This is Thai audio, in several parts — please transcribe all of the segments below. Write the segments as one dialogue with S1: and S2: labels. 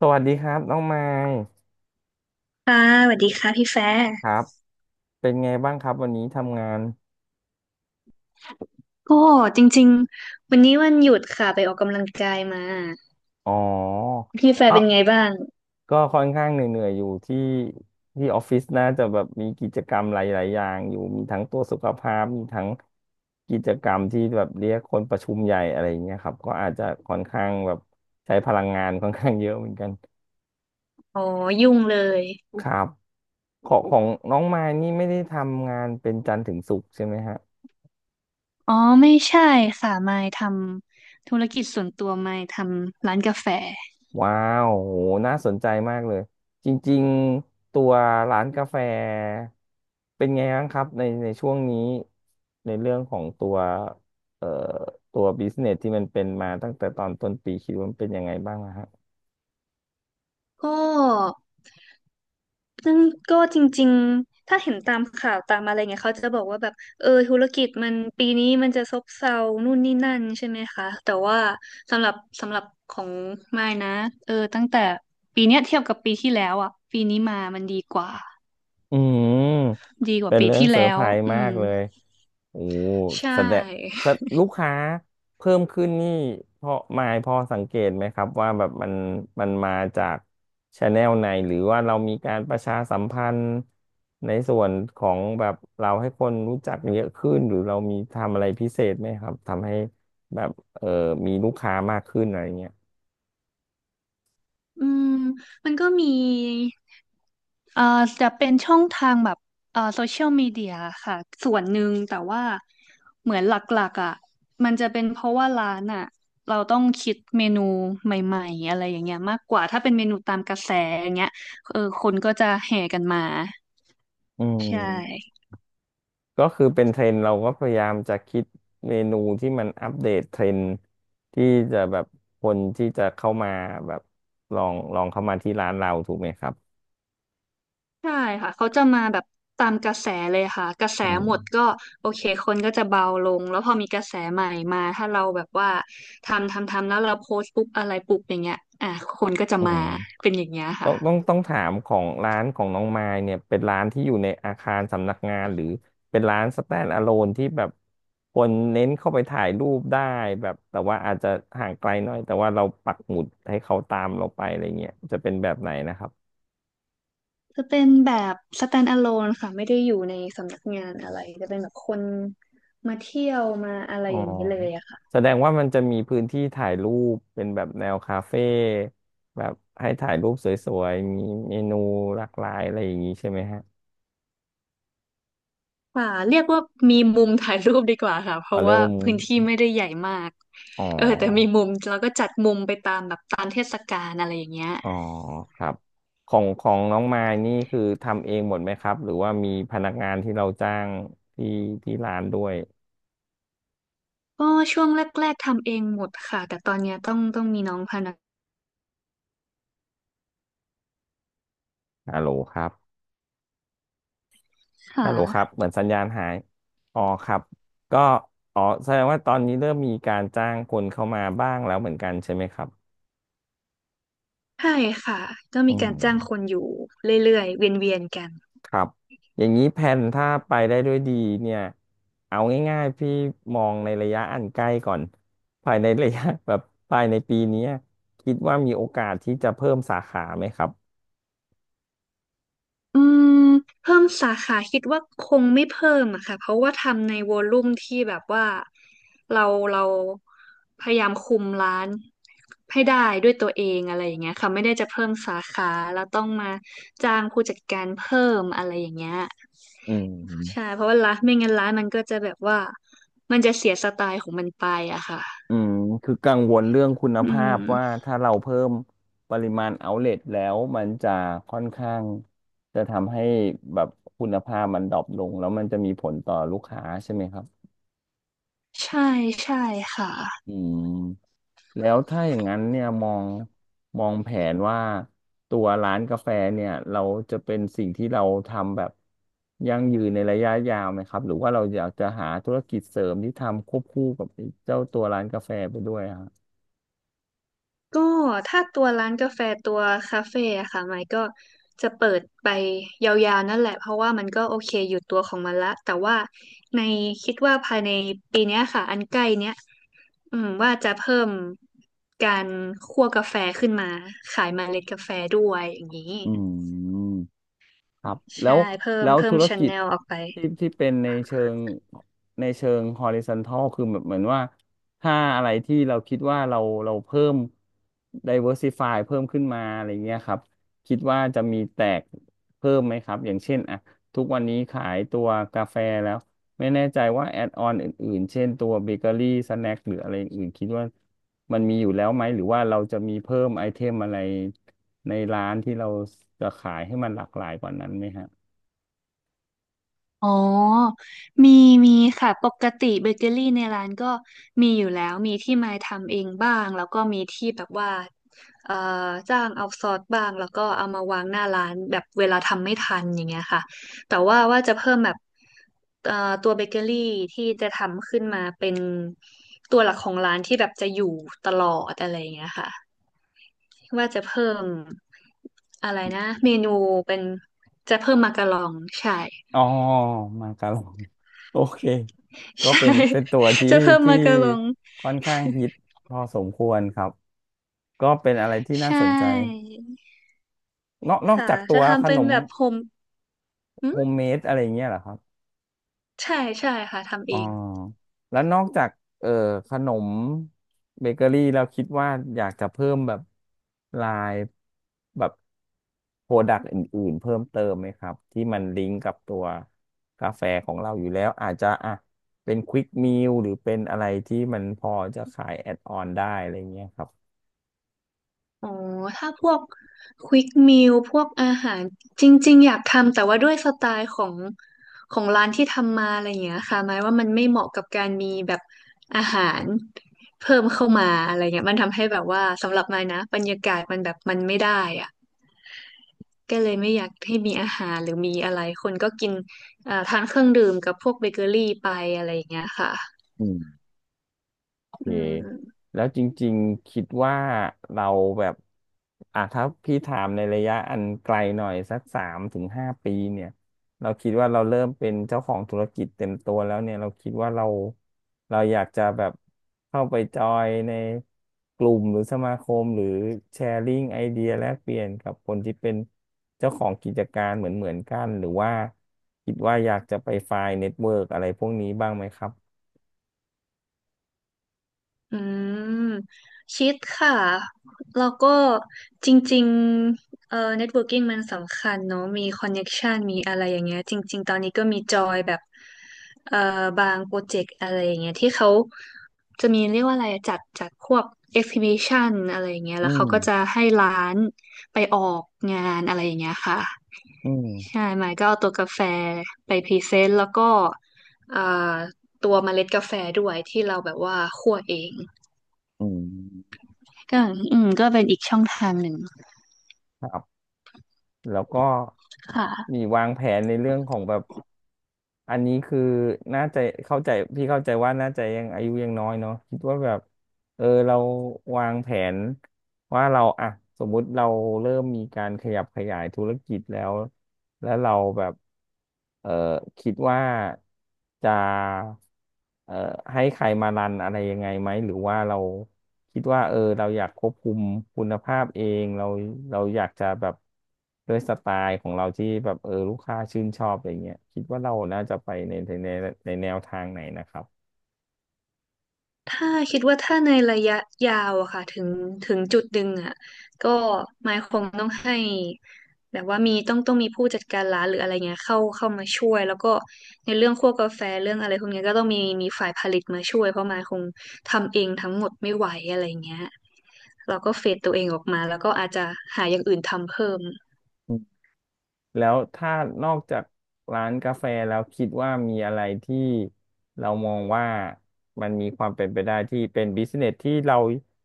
S1: สวัสดีครับน้องไมค์
S2: ค่ะสวัสดีค่ะพี่แฟร์
S1: ครับเป็นไงบ้างครับวันนี้ทำงาน
S2: โอ้จริงๆวันนี้วันหยุดค่ะไปออกกำลังกายมา
S1: อ๋อ
S2: พี่แฟ
S1: อ
S2: ร์เป็น
S1: อ
S2: ไงบ้าง
S1: ก็ค่อนข้างเหนื่อยๆอยู่ที่ที่ออฟฟิศน่าจะแบบมีกิจกรรมหลายๆอย่างอยู่มีทั้งตัวจสุขภาพมีทั้งกิจกรรมที่แบบเรียกคนประชุมใหญ่อะไรอย่างเงี้ยครับก็อาจจะค่อนข้างแบบใช้พลังงาน ค่อนข้างเยอะเหมือนกัน
S2: อ๋อยุ่งเลย
S1: ครับของน้องไมค์นี่ไม่ได้ทำงานเป็นจันทร์ถึงศุกร์ใช่ไหมฮะ
S2: อ๋อไม่ใช่ค่ะมายทำธุรกิจส่วนตัวมายทำร้านกาแฟ
S1: ว้าวโหน่าสนใจมากเลยจริงๆตัวร้านกาแฟเป็นไงบ้างครับในช่วงนี้ในเรื่องของตัวเอ่อตัวบิสเนสที่มันเป็นมาตั้งแต่ตอนต้นปีคิดว่ามันเป็นยังไงบ้างอะฮะ
S2: ก็ ซึ่งก็จริงๆ ถ้าเห็นตามข่าวตามอะไรเงี้ยเขาจะบอกว่าแบบเออธุรกิจมันปีนี้มันจะซบเซานู่นนี่นั่นใช่ไหมคะแต่ว่าสำหรับสำหรับของมายนะเออตั้งแต่ปีเนี้ยเทียบกับปีที่แล้วอ่ะปีนี้มามันดีกว่า
S1: อืม
S2: ดีกว่า
S1: เป็น
S2: ปี
S1: เรื่อง
S2: ที่
S1: เซอร์
S2: แล้
S1: ไพ
S2: ว
S1: รส์
S2: อื
S1: มา
S2: ม
S1: กเลยโอ้
S2: ใช
S1: แสดง
S2: ่
S1: แสดลูกค้าเพิ่มขึ้นนี่พอมายพอสังเกตไหมครับว่าแบบมันมาจากชาแนลไหนหรือว่าเรามีการประชาสัมพันธ์ในส่วนของแบบเราให้คนรู้จักเยอะขึ้นหรือเรามีทำอะไรพิเศษไหมครับทำให้แบบเออมีลูกค้ามากขึ้นอะไรเงี้ย
S2: อืมมันก็มี เอ่อจะเป็นช่องทางแบบโซเชียลมีเดียค่ะส่วนหนึ่งแต่ว่าเหมือนหลักๆอ่ะมันจะเป็นเพราะว่าร้านอ่ะเราต้องคิดเมนูใหม่ๆอะไรอย่างเงี้ยมากกว่าถ้าเป็นเมนูตามกระแสอย่างเงี้ยเออคนก็จะแห่กันมา
S1: อื
S2: ใช่
S1: ม ก็คือเป็นเทรนด์เราก็พยายามจะคิดเมนูที่มันอัปเดตเทรนด์ที่จะแบบคนที่จะเข้ามาแบบลองเข้ามาที่ร้านเราถูกไหมครับ
S2: ใช่ค่ะเขาจะมาแบบตามกระแสเลยค่ะกระแส
S1: อื
S2: หมด
S1: ม
S2: ก็โอเคคนก็จะเบาลงแล้วพอมีกระแสใหม่มาถ้าเราแบบว่าทำทำทำแล้วเราโพสต์ปุ๊บอะไรปุ๊บอย่างเงี้ยอ่ะคนก็จะ
S1: อื
S2: มา
S1: ม
S2: เป็นอย่างเงี้ย
S1: ต้องต้อง
S2: ค่ะ
S1: ต้องถามของร้านของน้องมายเนี่ยเป็นร้านที่อยู่ในอาคารสำนักงานหรือเป็นร้าน stand alone ที่แบบคนเน้นเข้าไปถ่ายรูปได้แบบแต่ว่าอาจจะห่างไกลหน่อยแต่ว่าเราปักหมุดให้เขาตามเราไปอะไรเงี้ยจะเป็นแบบไหนนะครับ
S2: จะเป็นแบบ stand alone ค่ะไม่ได้อยู่ในสำนักงานอะไรจะเป็นแบบคนมาเที่ยวมาอะไร
S1: อ๋อ
S2: อย่างนี้เลยอะค่ะ
S1: แสดงว่ามันจะมีพื้นที่ถ่ายรูปเป็นแบบแนวคาเฟ่แบบให้ถ่ายรูปสวยๆมีเมนูหลากหลายอะไรอย่างนี้ใช่ไหมฮะ
S2: ค่ะเรียกว่ามีมุมถ่ายรูปดีกว่าค่ะเพ
S1: อ๋อ
S2: ราะ
S1: เริ่
S2: ว่า
S1: ม
S2: พื้นที่ไม่ได้ใหญ่มาก
S1: อ๋
S2: เออแต่มี
S1: อ
S2: มุมเราก็จัดมุมไปตามแบบตามเทศกาลอะไรอย่างเงี้ย
S1: อ๋อครับของน้องมายนี่คือทำเองหมดไหมครับหรือว่ามีพนักงานที่เราจ้างที่ที่ร้านด้วย
S2: ก็ช่วงแรกๆทำเองหมดค่ะแต่ตอนเนี้ยต้องมีน้องพนัก
S1: ฮัลโหลครับ
S2: ค
S1: ฮัลโหลครับ
S2: ่ะ
S1: เหมือนสัญญาณหายอ๋อครับก็อ๋อแสดงว่าตอนนี้เริ่มมีการจ้างคนเข้ามาบ้างแล้วเหมือนกันใช่ไหมครับ
S2: ใช่ค่ะต้อง
S1: อื
S2: มีการจ้างคน
S1: ม
S2: อยู่เรื่อยๆเวียนๆกัน
S1: ครับอย่างนี้แผนถ้าไปได้ด้วยดีเนี่ยเอาง่ายๆพี่มองในระยะอันใกล้ก่อนภายในระยะ แบบภายในปีเนี้ยคิดว่ามีโอกาสที่จะเพิ่มสาขาไหมครับ
S2: อืมเพิ่มสาขาคิดว่าคงไม่เพิ่มอะค่ะเพราะว่าทำในวอลลุ่มที่แบบว่าเราเราพยายามคุมร้านให้ได้ด้วยตัวเองอะไรอย่างเงี้ยค่ะไม่ได้จะเพิ่มสาขาแล้วต้องมาจ้างผู้จัดการเพิ่มอะไรอย่างเงี้ย
S1: อื
S2: ใช่
S1: ม
S2: เพราะว่าร้านไม่งั้นร้านมันก็จะแบบว่ามันจะเสียสไตล์ของมันไปอะค่ะ
S1: อืมคือกังวลเรื่องคุณ
S2: อื
S1: ภา
S2: ม
S1: พว่าถ้าเราเพิ่มปริมาณเอาเล t แล้วมันจะค่อนข้างจะทำให้แบบคุณภาพมันดรอปลงแล้วมันจะมีผลต่อลูกค้าใช่ไหมครับ
S2: ใช่ใช่ค่ะ
S1: อืม แล้วถ้าอย่างนั้นเนี่ยมองแผนว่าตัวร้านกาแฟเนี่ยเราจะเป็นสิ่งที่เราทำแบบยั่งยืนในระยะยาวไหมครับหรือว่าเราอยากจะหาธุรกิจเสริมที่ทำควบคู่กับไอ้เจ้าตัวร้านกาแฟไปด้วยอะครับ
S2: ก็ถ้าตัวร้านกาแฟตัวคาเฟ่อะค่ะไมค์ก็จะเปิดไปยาวๆนั่นแหละเพราะว่ามันก็โอเคอยู่ตัวของมันละแต่ว่าในคิดว่าภายในปีเนี้ยค่ะอันใกล้เนี้ยอืมว่าจะเพิ่มการคั่วกาแฟขึ้นมาขายเมล็ดกาแฟด้วยอย่างนี้
S1: อืม ครับ
S2: ใช่เพิ่ม
S1: แล้ว
S2: เพิ่
S1: ธุ
S2: ม
S1: ร
S2: ช n
S1: กิจ
S2: แนลออกไป
S1: ที่เป็นในเชิง horizontal คือแบบเหมือนว่าถ้าอะไรที่เราคิดว่าเราเพิ่ม diversify เพิ่มขึ้นมาอะไรเงี้ยครับคิดว่าจะมีแตกเพิ่มไหมครับอย่างเช่นอ่ะทุกวันนี้ขายตัวกาแฟแล้วไม่แน่ใจว่าแอดออนอื่นๆเช่นตัวเบเกอรี่สแน็คหรืออะไรอื่นคิดว่า มันมีอยู่แล้วไหมหรือว่าเราจะมีเพิ่มไอเทมอะไรในร้านที่เราจะขายให้มันหลากหลายกว่านั้นไหมฮะ
S2: อ๋อมีมีค่ะปกติเบเกอรี่ในร้านก็มีอยู่แล้วมีที่ไม้ทำเองบ้างแล้วก็มีที่แบบว่าเอ่อจ้างเอาซอสบ้างแล้วก็เอามาวางหน้าร้านแบบเวลาทำไม่ทันอย่างเงี้ยค่ะแต่ว่าว่าจะเพิ่มแบบเอ่อตัวเบเกอรี่ที่จะทำขึ้นมาเป็นตัวหลักของร้านที่แบบจะอยู่ตลอดอะไรอย่างเงี้ยค่ะว่าจะเพิ่มอะไรนะเมนูเป็นจะเพิ่มมาการองใช่
S1: อ๋อมาการอง โอเคก็
S2: ใช่
S1: เป็นตัวที่
S2: จะเพิ่ม
S1: ที่
S2: มากะลอง
S1: ค่อนข้างฮิตพอสมควรครับก็เป็นอะไรที่
S2: ใช
S1: น่าสนใจ
S2: ่
S1: นอก
S2: ค่ะ
S1: จากตั
S2: จะ
S1: วข
S2: ทำเป็
S1: น
S2: น
S1: ม
S2: แบบผมอื
S1: โฮ
S2: ม
S1: มเมดอะไรอย่างเงี้ยเหรอครับ
S2: ใช่ใช่ค่ะทำ
S1: อ๋
S2: เอ
S1: อ
S2: ง
S1: แล้วนอกจากเอ่อขนมเบเกอรี่เราคิดว่าอยากจะเพิ่มแบบลายแบบโปรดักต์อื่นๆเพิ่มเติมไหมครับที่มันลิงก์กับตัวกาแฟของเราอยู่แล้วอาจจะอ่ะเป็นควิกม a ลหรือเป็นอะไรที่มันพอจะขายแอดออนได้อะไรเงี้ยครับ
S2: อ๋อถ้าพวกควิกมิลพวกอาหารจริงๆอยากทำแต่ว่าด้วยสไตล์ของของร้านที่ทำมาอะไรอย่างเงี้ยค่ะหมายว่ามันไม่เหมาะกับการมีแบบอาหารเพิ่มเข้ามาอะไรเงี้ยมันทำให้แบบว่าสำหรับมายนะบรรยากาศมันแบบมันไม่ได้อะ ก็เลยไม่อยากให้มีอาหารหรือมีอะไรคนก็กินทานเครื่องดื่มกับพวกเบเกอรี่ไปอะไรอย่างเงี้ยค่ะ
S1: อืม เค
S2: อืม
S1: แล้วจริงๆคิดว่าเราแบบอ่ะถ้าพี่ถามในระยะอันไกลหน่อยสัก3 ถึง 5 ปีเนี่ยเราคิดว่าเราเริ่มเป็นเจ้าของธุรกิจเต็มตัวแล้วเนี่ยเราคิดว่าเราอยากจะแบบเข้าไปจอยในกลุ่มหรือสมาคมหรือแชร์ลิงไอเดียแลกเปลี่ยนกับคนที่เป็นเจ้าของกิจการเหมือนกันหรือว่าคิดว่าอยากจะไปไฟล์เน็ตเวิร์กอะไรพวกนี้บ้างไหมครับ
S2: อืมคิดค่ะแล้วก็จริงๆnetworking มันสำคัญเนอะมี connection มีอะไรอย่างเงี้ยจริงๆตอนนี้ก็มีจอยแบบเอ่อบางโปรเจกต์อะไรอย่างเงี้ยที่เขาจะมีเรียกว่าอะไรอะจัดพวก exhibition อะไรอย่างเงี้ย
S1: อื
S2: แล้ว
S1: ม
S2: เขาก็จะให้ร้านไปออกงานอะไรอย่างเงี้ยค่ะ
S1: อืม
S2: ใช่ไมค์ก็เอาตัวกาแฟไปพรีเซนต์แล้วก็เอ่อตัวเมล็ดกาแฟด้วยที่เราแบบว่าคั่วเอง
S1: อืม
S2: ก็อืมก็เป็นอีกช่องทางหนึ่ง
S1: ครับแล้วก็
S2: ค่ะ
S1: มีวางแผนในเรื่องของแบบอันนี้คือน่าจะเข้าใจพี่เข้าใจว่าน่าจะยังอายุยังน้อยเนาะคิดว่าแบบ เราวางแผนว่าเราอ่ะสมมุติเราเริ่มมีการขยับขยายธุรกิจแล้วแล้วเราแบบเออคิดว่าจะเออให้ใครมารันอะไรยังไงไหมหรือว่าเราคิดว่าเราอยากควบคุมคุณภาพเองเราอยากจะแบบด้วยสไตล์ของเราที่แบบลูกค้าชื่นชอบอะไรเงี้ยคิดว่าเราน่าจะไปในในแนวทางไหนนะครับ
S2: ถ้าคิดว่าถ้าในระยะยาวอะค่ะถึงจุดหนึ่งอะก็ไมค์คงต้องให้แบบว่ามีต้องมีผู้จัดการร้านหรืออะไรเงี้ยเข้ามาช่วยแล้วก็ในเรื่องคั่วกาแฟเรื่องอะไรพวกเนี้ยก็ต้องมีฝ่ายผลิตมาช่วยเพราะไมค์คงทำเองทั้งหมดไม่ไหวอะไรเงี้ยเราก็เฟดตัวเองออกมาแล้วก็อาจจะหาอย่างอื่นทำเพิ่ม
S1: แล้วถ้านอกจากร้านกาแฟแล้วคิดว่ามีอะไรที่เรามองว่ามันมีความเป็นไปได้ที่เป็นบิสเนสที่เรา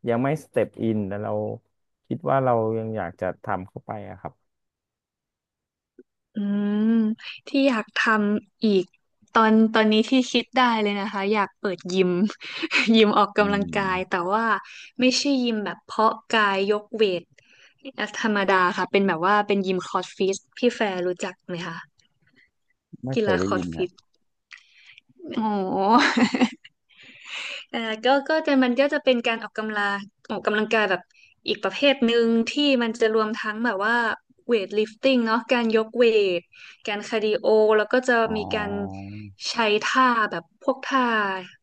S1: ยังไม่สเต็ปอินแต่เราคิดว่าเรายังอยากจะทำเข้าไปอะครับ
S2: อืมที่อยากทำอีกตอนนี้ที่คิดได้เลยนะคะอยากเปิดยิม ยิมออก
S1: อื
S2: กำลังกายแต่
S1: ม
S2: ว่าไม่ใช่ยิมแบบเพาะกายยกเวทธรรมดาค่ะเป็นแบบว่าเป็นยิมคอร์สฟิตพี่แฟร์รู้จักไหมคะ
S1: ไม่
S2: กี
S1: เคย
S2: ฬา
S1: ได้
S2: คอ
S1: ยิ
S2: ร์ส
S1: นค
S2: ฟิ
S1: รับ
S2: ตอ๋อ ก็จะมันก็จะเป็นการออกกำลังกายแบบอีกประเภทหนึ่งที่มันจะรวมทั้งแบบว่าเวทลิฟติ้งเนาะการยกเวทการคาร์ดิโอแล้วก็จะ
S1: อ๋อ
S2: มีการใช้ท่าแบบพวกท่า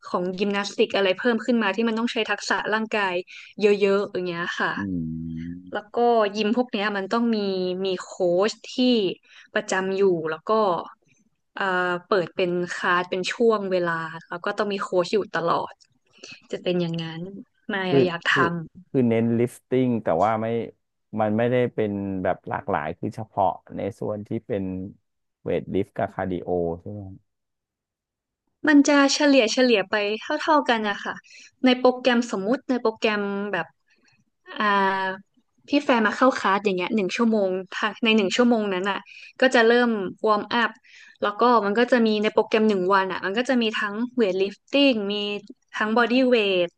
S2: ของยิมนาสติกอะไรเพิ่มขึ้นมาที่มันต้องใช้ทักษะร่างกายเยอะๆอย่างเงี้ยค่ะ
S1: อืม
S2: แล้วก็ยิมพวกเนี้ยมันต้องมีโค้ชที่ประจำอยู่แล้วก็เอ่อเปิดเป็นคลาสเป็นช่วงเวลาแล้วก็ต้องมีโค้ชอยู่ตลอดจะเป็นอย่างนั้นมาย
S1: คือ
S2: อะอยากท
S1: คือ
S2: ำ
S1: คือเน้นลิฟติ้งแต่ว่าไม่มันไม่ได้เป็นแบบหลากหลายคือเฉพาะในส่วนที่เป็นเวทลิฟต์กับคาร์ดิโอใช่ไหมครับ
S2: มันจะเฉลี่ยไปเท่าๆกันนะคะในโปรแกรมสมมุติในโปรแกรมแบบอ่าพี่แฟร์มาเข้าคลาสอย่างเงี้ยหนึ่งชั่วโมงถ้าในหนึ่งชั่วโมงนั้นอ่ะก็จะเริ่มวอร์มอัพแล้วก็มันก็จะมีในโปรแกรม1 วันอ่ะมันก็จะมีทั้งเวทลิฟติ้งมีทั้งบอดี้เวท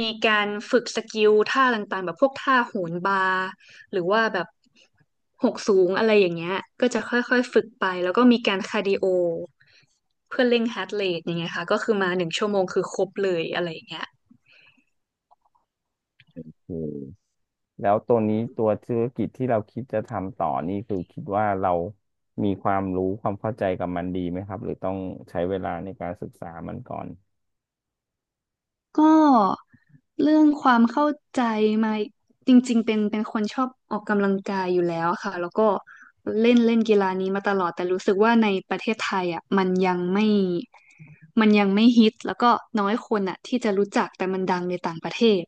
S2: มีการฝึกสกิลท่าต่างๆแบบพวกท่าโหนบาร์ หรือว่าแบบหกสูงอะไรอย่างเงี้ยก็จะค่อยๆฝึกไป แล้วก็มีการคาร์ดิโอ เพื่อเร่งฮาร์ทเรทอย่างเงี้ยค่ะ ก็คือมา1 ชั่วโมงคือครบเลยอะไรอย่างเงี้ย
S1: โอ้ แล้วตัวนี้ตัวธุรกิจที่เราคิดจะทำต่อนี่คือคิดว่าเรามีความรู้ความเข้าใจกับมันดีไหมครับหรือต้องใช้เวลาในการศึกษามันก่อน
S2: ก็เรื่องความเข้าใจมาจริงๆเป็นคนชอบออกกำลังกายอยู่แล้วค่ะ แล้วก็เล่นเล่นกีฬานี้มาตลอด แต่รู้สึกว่าในประเทศไทยอ่ะมันยังไม่ มันยังไม่ฮิต แล้วก็น้อยคนอ่ะที่จะรู้จักแต่มันดังในต่างประเทศ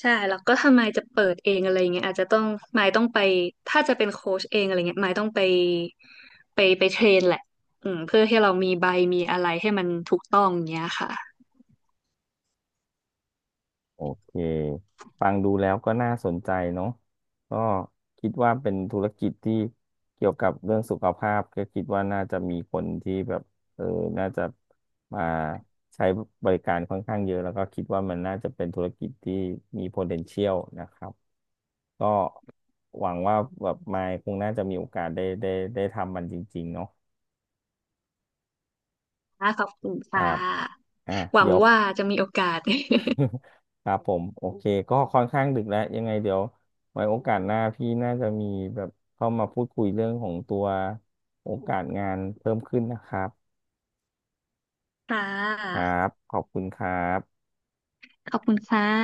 S2: ใช่แล้วก็ถ้าไมายจะเปิดเองอะไรเงี้ยอาจจะต้องไมคต้องไปถ้าจะเป็นโค้ชเองอะไรเงี้ยไมคต้องไปไปเทรนแหละอืมเพื่อให้เรามีใบมีอะไรให้มันถูกต้องเงี้ยค่ะ
S1: โอเคฟังดูแล้วก็น่าสนใจเนาะก็คิดว่าเป็นธุรกิจที่เกี่ยวกับเรื่องสุขภาพก็คิดว่าน่าจะมีคนที่แบบเออน่าจะมาใช้บริการค่อนข้างเยอะแล้วก็คิดว่ามันน่าจะเป็นธุรกิจที่มี potential นะครับ ก็หวังว่าแบบมายคงน่าจะมีโอกาสได้ทำมันจริงๆเนาะ
S2: ค่ะขอบคุณ
S1: ค
S2: ค่
S1: รับ
S2: ะ
S1: อ่ะ
S2: หวั
S1: เดี๋
S2: ง
S1: ยว
S2: ว่าจะมีโอกาส
S1: ครับผมโอเคก็ค่อนข้างดึกแล้วยังไงเดี๋ยวไว้โอกาสหน้าพี่น่าจะมีแบบเข้ามาพูดคุยเรื่องของตัวโอกาสงานเพิ่มขึ้นนะครับ
S2: ค่
S1: ครั
S2: ะ
S1: บขอบคุณครับ
S2: ขอบคุณค่ะ